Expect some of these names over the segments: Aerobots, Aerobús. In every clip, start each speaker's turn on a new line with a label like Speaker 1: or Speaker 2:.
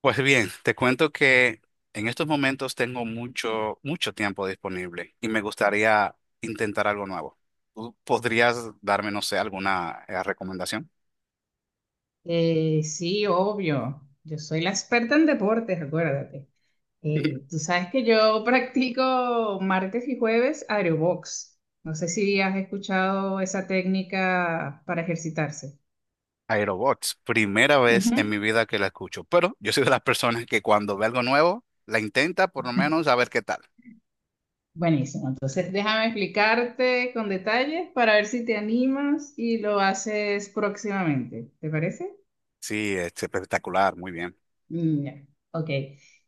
Speaker 1: Pues bien, te cuento que en estos momentos tengo mucho, mucho tiempo disponible y me gustaría intentar algo nuevo. ¿Tú podrías darme, no sé, alguna recomendación?
Speaker 2: Sí, obvio. Yo soy la experta en deportes, acuérdate. Tú sabes que yo practico martes y jueves aerobox. No sé si has escuchado esa técnica para ejercitarse.
Speaker 1: Aerobots, primera vez
Speaker 2: Ujú.
Speaker 1: en mi vida que la escucho, pero yo soy de las personas que cuando ve algo nuevo, la intenta por lo menos a ver qué tal.
Speaker 2: Buenísimo. Entonces, déjame explicarte con detalles para ver si te animas y lo haces próximamente. ¿Te parece?
Speaker 1: Sí, es espectacular, muy bien.
Speaker 2: Ya, ok.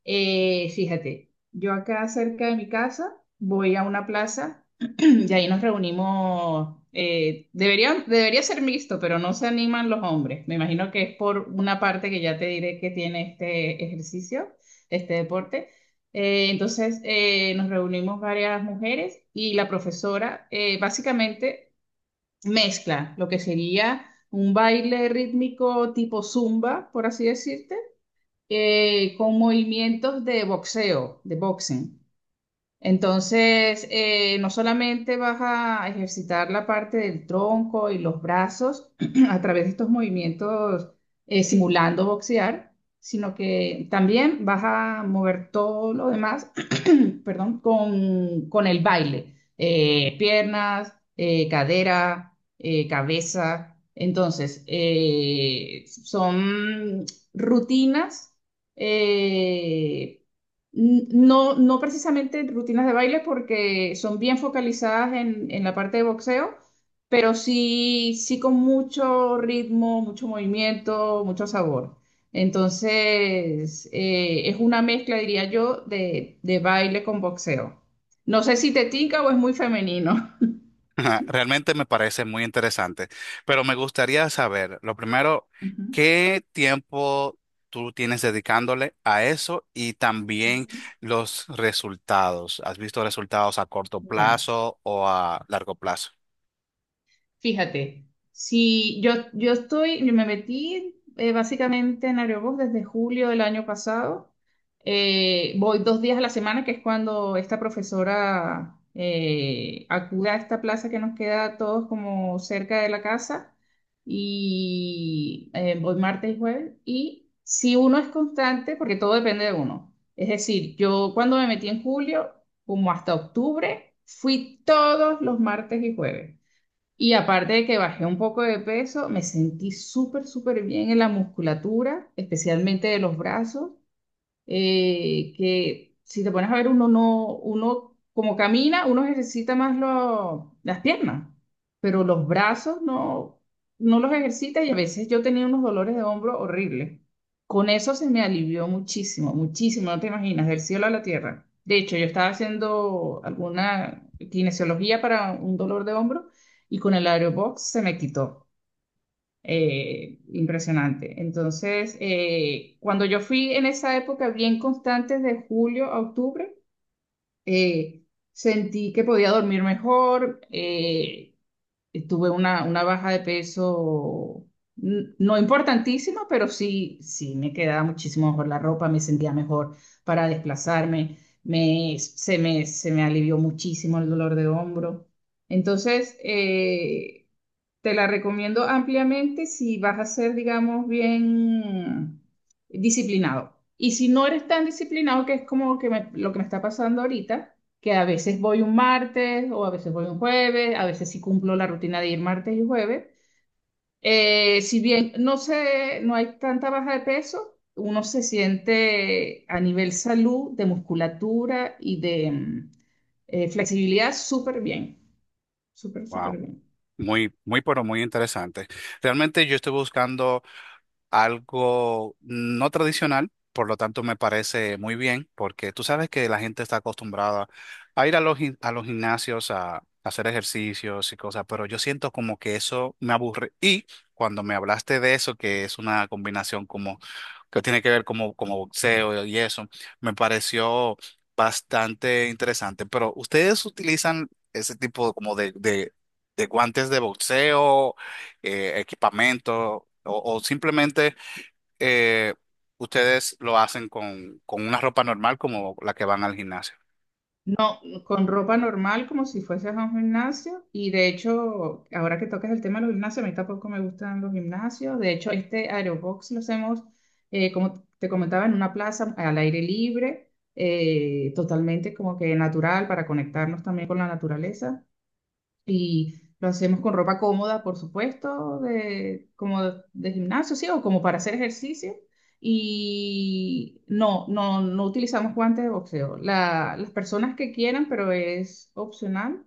Speaker 2: Fíjate, yo acá cerca de mi casa voy a una plaza y ahí nos reunimos. Debería ser mixto, pero no se animan los hombres. Me imagino que es por una parte que ya te diré que tiene este ejercicio, este deporte. Entonces nos reunimos varias mujeres y la profesora básicamente mezcla lo que sería un baile rítmico tipo zumba, por así decirte, con movimientos de boxeo, de boxing. Entonces, no solamente vas a ejercitar la parte del tronco y los brazos a través de estos movimientos, simulando boxear, sino que también vas a mover todo lo demás. Perdón, con el baile. Piernas, cadera, cabeza. Entonces, son rutinas, eh, no precisamente rutinas de baile porque son bien focalizadas en la parte de boxeo, pero sí, sí con mucho ritmo, mucho movimiento, mucho sabor. Entonces, es una mezcla, diría yo, de baile con boxeo. No sé si te tinca o es muy femenino.
Speaker 1: Ajá, realmente me parece muy interesante, pero me gustaría saber, lo primero,
Speaker 2: Ujú,
Speaker 1: ¿qué tiempo tú tienes dedicándole a eso y también
Speaker 2: ujú.
Speaker 1: los resultados? ¿Has visto resultados a corto
Speaker 2: Ya.
Speaker 1: plazo o a largo plazo?
Speaker 2: Fíjate, si yo, yo estoy, yo me metí básicamente en Aerobús desde julio del año pasado. Voy 2 días a la semana, que es cuando esta profesora acude a esta plaza que nos queda a todos como cerca de la casa. Y voy martes y jueves. Y si uno es constante, porque todo depende de uno. Es decir, yo cuando me metí en julio, como hasta octubre, fui todos los martes y jueves. Y aparte de que bajé un poco de peso, me sentí súper, súper bien en la musculatura, especialmente de los brazos, que si te pones a ver, uno no, uno como camina, uno ejercita más las piernas, pero los brazos no, no los ejercita, y a veces yo tenía unos dolores de hombro horribles. Con eso se me alivió muchísimo, muchísimo, no te imaginas, del cielo a la tierra. De hecho, yo estaba haciendo alguna kinesiología para un dolor de hombro y con el aerobox se me quitó, impresionante. Entonces, cuando yo fui en esa época bien constante, de julio a octubre, eh, sentí que podía dormir mejor, tuve una baja de peso no importantísima, pero sí, sí me quedaba muchísimo mejor la ropa, me sentía mejor para desplazarme, se me alivió muchísimo el dolor de hombro. Entonces, te la recomiendo ampliamente si vas a ser, digamos, bien disciplinado. Y si no eres tan disciplinado, que es como que lo que me está pasando ahorita, que a veces voy un martes o a veces voy un jueves, a veces sí cumplo la rutina de ir martes y jueves. Si bien no sé, no hay tanta baja de peso, uno se siente a nivel salud, de musculatura y de flexibilidad súper bien, súper,
Speaker 1: Wow,
Speaker 2: súper bien.
Speaker 1: muy, muy, pero muy interesante. Realmente yo estoy buscando algo no tradicional, por lo tanto me parece muy bien, porque tú sabes que la gente está acostumbrada a ir a los, a los gimnasios a hacer ejercicios y cosas, pero yo siento como que eso me aburre. Y cuando me hablaste de eso, que es una combinación como que tiene que ver como, como boxeo y eso, me pareció bastante interesante. Pero ¿ustedes utilizan ese tipo como de guantes de boxeo, equipamiento o simplemente eh, ustedes lo hacen con una ropa normal como la que van al gimnasio?
Speaker 2: No, con ropa normal, como si fueses a un gimnasio. Y de hecho, ahora que tocas el tema de los gimnasios, a mí tampoco me gustan los gimnasios. De hecho, este aerobox lo hacemos, como te comentaba, en una plaza al aire libre, totalmente como que natural para conectarnos también con la naturaleza. Y lo hacemos con ropa cómoda, por supuesto, como de gimnasio, sí, o como para hacer ejercicio. Y no, no, no utilizamos guantes de boxeo. Las personas que quieran, pero es opcional,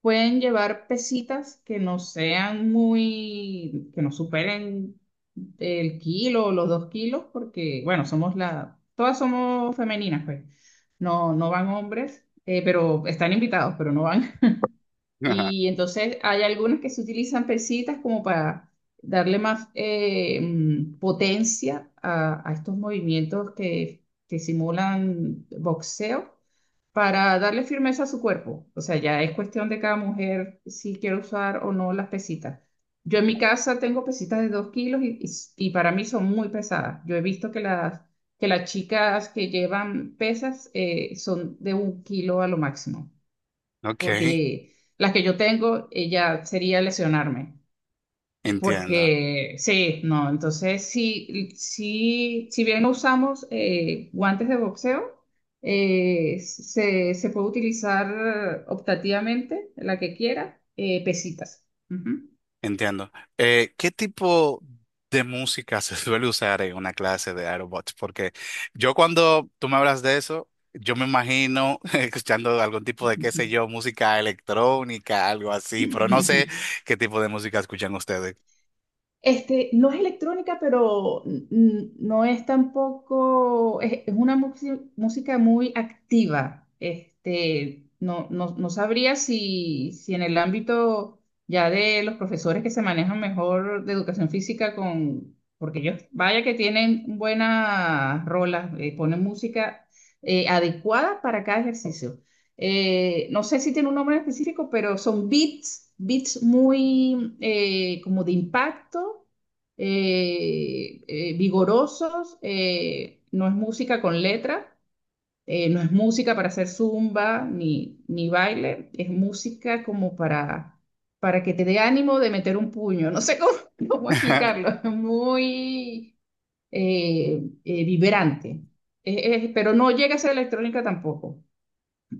Speaker 2: pueden llevar pesitas que no sean muy, que no superen el kilo o los 2 kilos, porque, bueno, somos la, todas somos femeninas, pues. No, no van hombres, pero están invitados, pero no van.
Speaker 1: Ajá.
Speaker 2: Y entonces hay algunas que se utilizan pesitas como para darle más potencia a estos movimientos que simulan boxeo para darle firmeza a su cuerpo. O sea, ya es cuestión de cada mujer si quiere usar o no las pesitas. Yo en mi casa tengo pesitas de 2 kilos y, y para mí son muy pesadas. Yo he visto que las chicas que llevan pesas son de un kilo a lo máximo
Speaker 1: Ok,
Speaker 2: porque las que yo tengo, ella sería lesionarme. Y
Speaker 1: entiendo,
Speaker 2: porque, sí, no, entonces sí, sí, si bien no usamos guantes de boxeo, se puede utilizar optativamente la que quiera, pesitas.
Speaker 1: entiendo. ¿Qué tipo de música se suele usar en una clase de aerobots? Porque yo cuando tú me hablas de eso, yo me imagino escuchando algún tipo de, qué
Speaker 2: Ujú.
Speaker 1: sé yo, música electrónica, algo así, pero no sé qué tipo de música escuchan ustedes.
Speaker 2: Este, no es electrónica, pero no es tampoco, es una música muy activa. Este, no, no, no sabría si, si en el ámbito ya de los profesores que se manejan mejor de educación física con, porque ellos, vaya que tienen buenas rolas, ponen música adecuada para cada ejercicio, no sé si tiene un nombre específico, pero son beats muy como de impacto, vigorosos, no es música con letra, no es música para hacer zumba ni, ni baile, es música como para que te dé ánimo de meter un puño, no sé cómo, cómo explicarlo, es muy vibrante. Pero no llega a ser electrónica tampoco.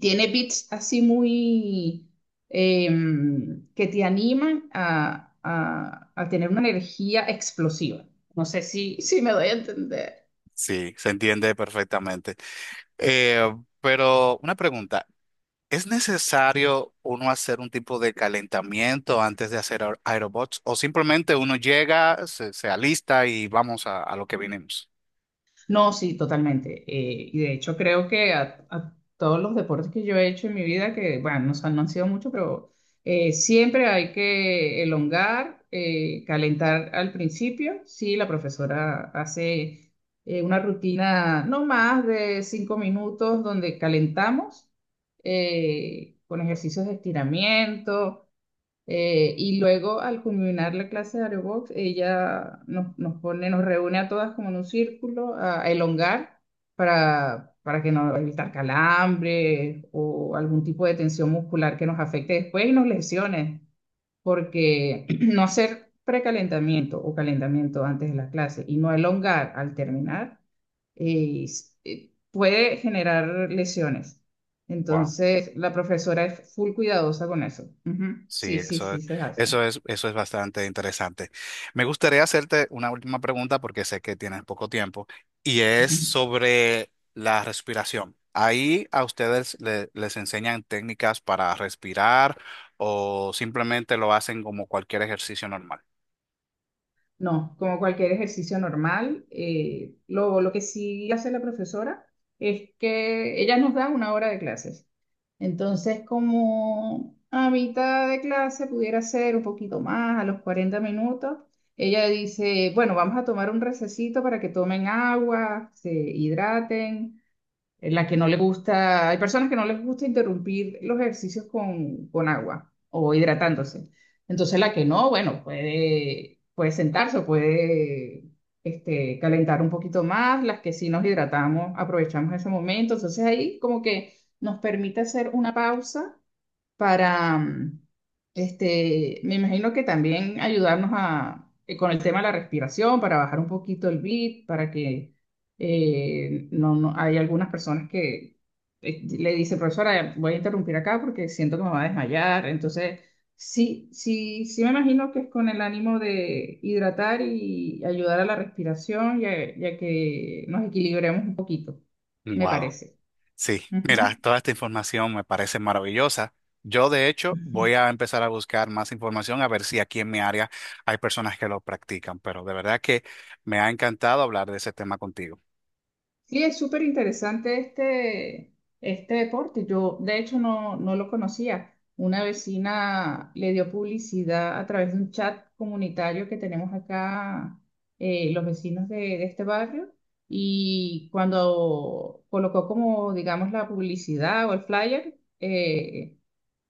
Speaker 2: Tiene beats así muy que te animan a, a tener una energía explosiva. No sé si, si me doy a entender.
Speaker 1: Sí, se entiende perfectamente. Eh, pero una pregunta. ¿Es necesario uno hacer un tipo de calentamiento antes de hacer aerobots? ¿O simplemente uno llega, se alista y vamos a lo que vinimos?
Speaker 2: No, sí, totalmente. Y de hecho creo que a todos los deportes que yo he hecho en mi vida, que bueno, no, no han sido muchos, pero siempre hay que elongar, calentar al principio. Sí, la profesora hace una rutina no más de 5 minutos donde calentamos con ejercicios de estiramiento. Y luego, al culminar la clase de aerobox, ella nos pone, nos reúne a todas como en un círculo a elongar para que no evitar calambres o algún tipo de tensión muscular que nos afecte después y nos lesiones, porque no hacer precalentamiento o calentamiento antes de la clase y no elongar al terminar puede generar lesiones.
Speaker 1: Wow.
Speaker 2: Entonces, la profesora es full cuidadosa con eso. Ujú.
Speaker 1: Sí,
Speaker 2: Sí, sí, sí, se hace.
Speaker 1: eso es bastante interesante. Me gustaría hacerte una última pregunta porque sé que tienes poco tiempo y es sobre la respiración. Ahí a ustedes les enseñan técnicas para respirar o simplemente lo hacen como cualquier ejercicio normal.
Speaker 2: No, como cualquier ejercicio normal. Lo que sí hace la profesora es que ella nos da una hora de clases. Entonces, como a mitad de clase pudiera ser un poquito más, a los 40 minutos, ella dice, bueno, vamos a tomar un recesito para que tomen agua, se hidraten, en la que no le gusta, hay personas que no les gusta interrumpir los ejercicios con agua o hidratándose. Entonces la que no, bueno, puede, puede sentarse o puede este, calentar un poquito más, las que sí nos hidratamos, aprovechamos ese momento. Entonces ahí como que nos permite hacer una pausa para, me imagino que también ayudarnos a, con el tema de la respiración, para bajar un poquito el beat, para que no, no, hay algunas personas que le dicen, profesora, voy a interrumpir acá porque siento que me va a desmayar. Entonces, sí, sí, sí me imagino que es con el ánimo de hidratar y ayudar a la respiración y a que nos equilibremos un poquito, me
Speaker 1: Wow.
Speaker 2: parece.
Speaker 1: Sí,
Speaker 2: Ujú.
Speaker 1: mira, toda esta información me parece maravillosa. Yo, de hecho, voy a empezar a buscar más información a ver si aquí en mi área hay personas que lo practican, pero de verdad que me ha encantado hablar de ese tema contigo.
Speaker 2: Sí, es súper interesante este, este deporte. Yo, de hecho, no, no lo conocía. Una vecina le dio publicidad a través de un chat comunitario que tenemos acá, los vecinos de este barrio. Y cuando colocó como, digamos, la publicidad o el flyer,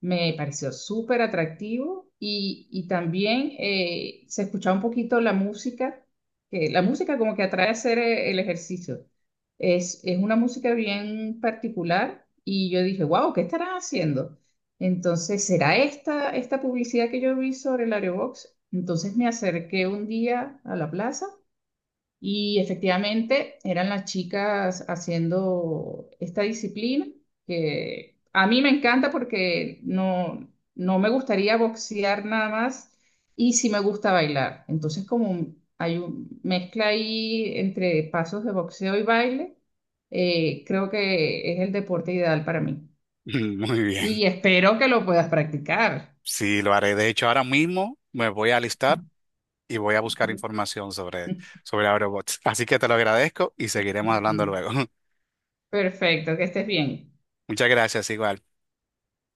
Speaker 2: me pareció súper atractivo y también se escuchaba un poquito la música, que la música como que atrae a hacer el ejercicio. Es una música bien particular y yo dije, wow, ¿qué estarán haciendo? Entonces, ¿será esta, esta publicidad que yo vi sobre el Aerobox? Entonces me acerqué un día a la plaza y efectivamente eran las chicas haciendo esta disciplina que a mí me encanta porque no, no me gustaría boxear nada más y sí me gusta bailar. Entonces como hay una mezcla ahí entre pasos de boxeo y baile, creo que es el deporte ideal para mí.
Speaker 1: Muy bien.
Speaker 2: Y espero que lo puedas practicar.
Speaker 1: Sí, lo haré. De hecho, ahora mismo me voy a alistar y voy a buscar información sobre, sobre Aerobots. Así que te lo agradezco y seguiremos hablando luego.
Speaker 2: Perfecto, que estés bien.
Speaker 1: Muchas gracias, igual.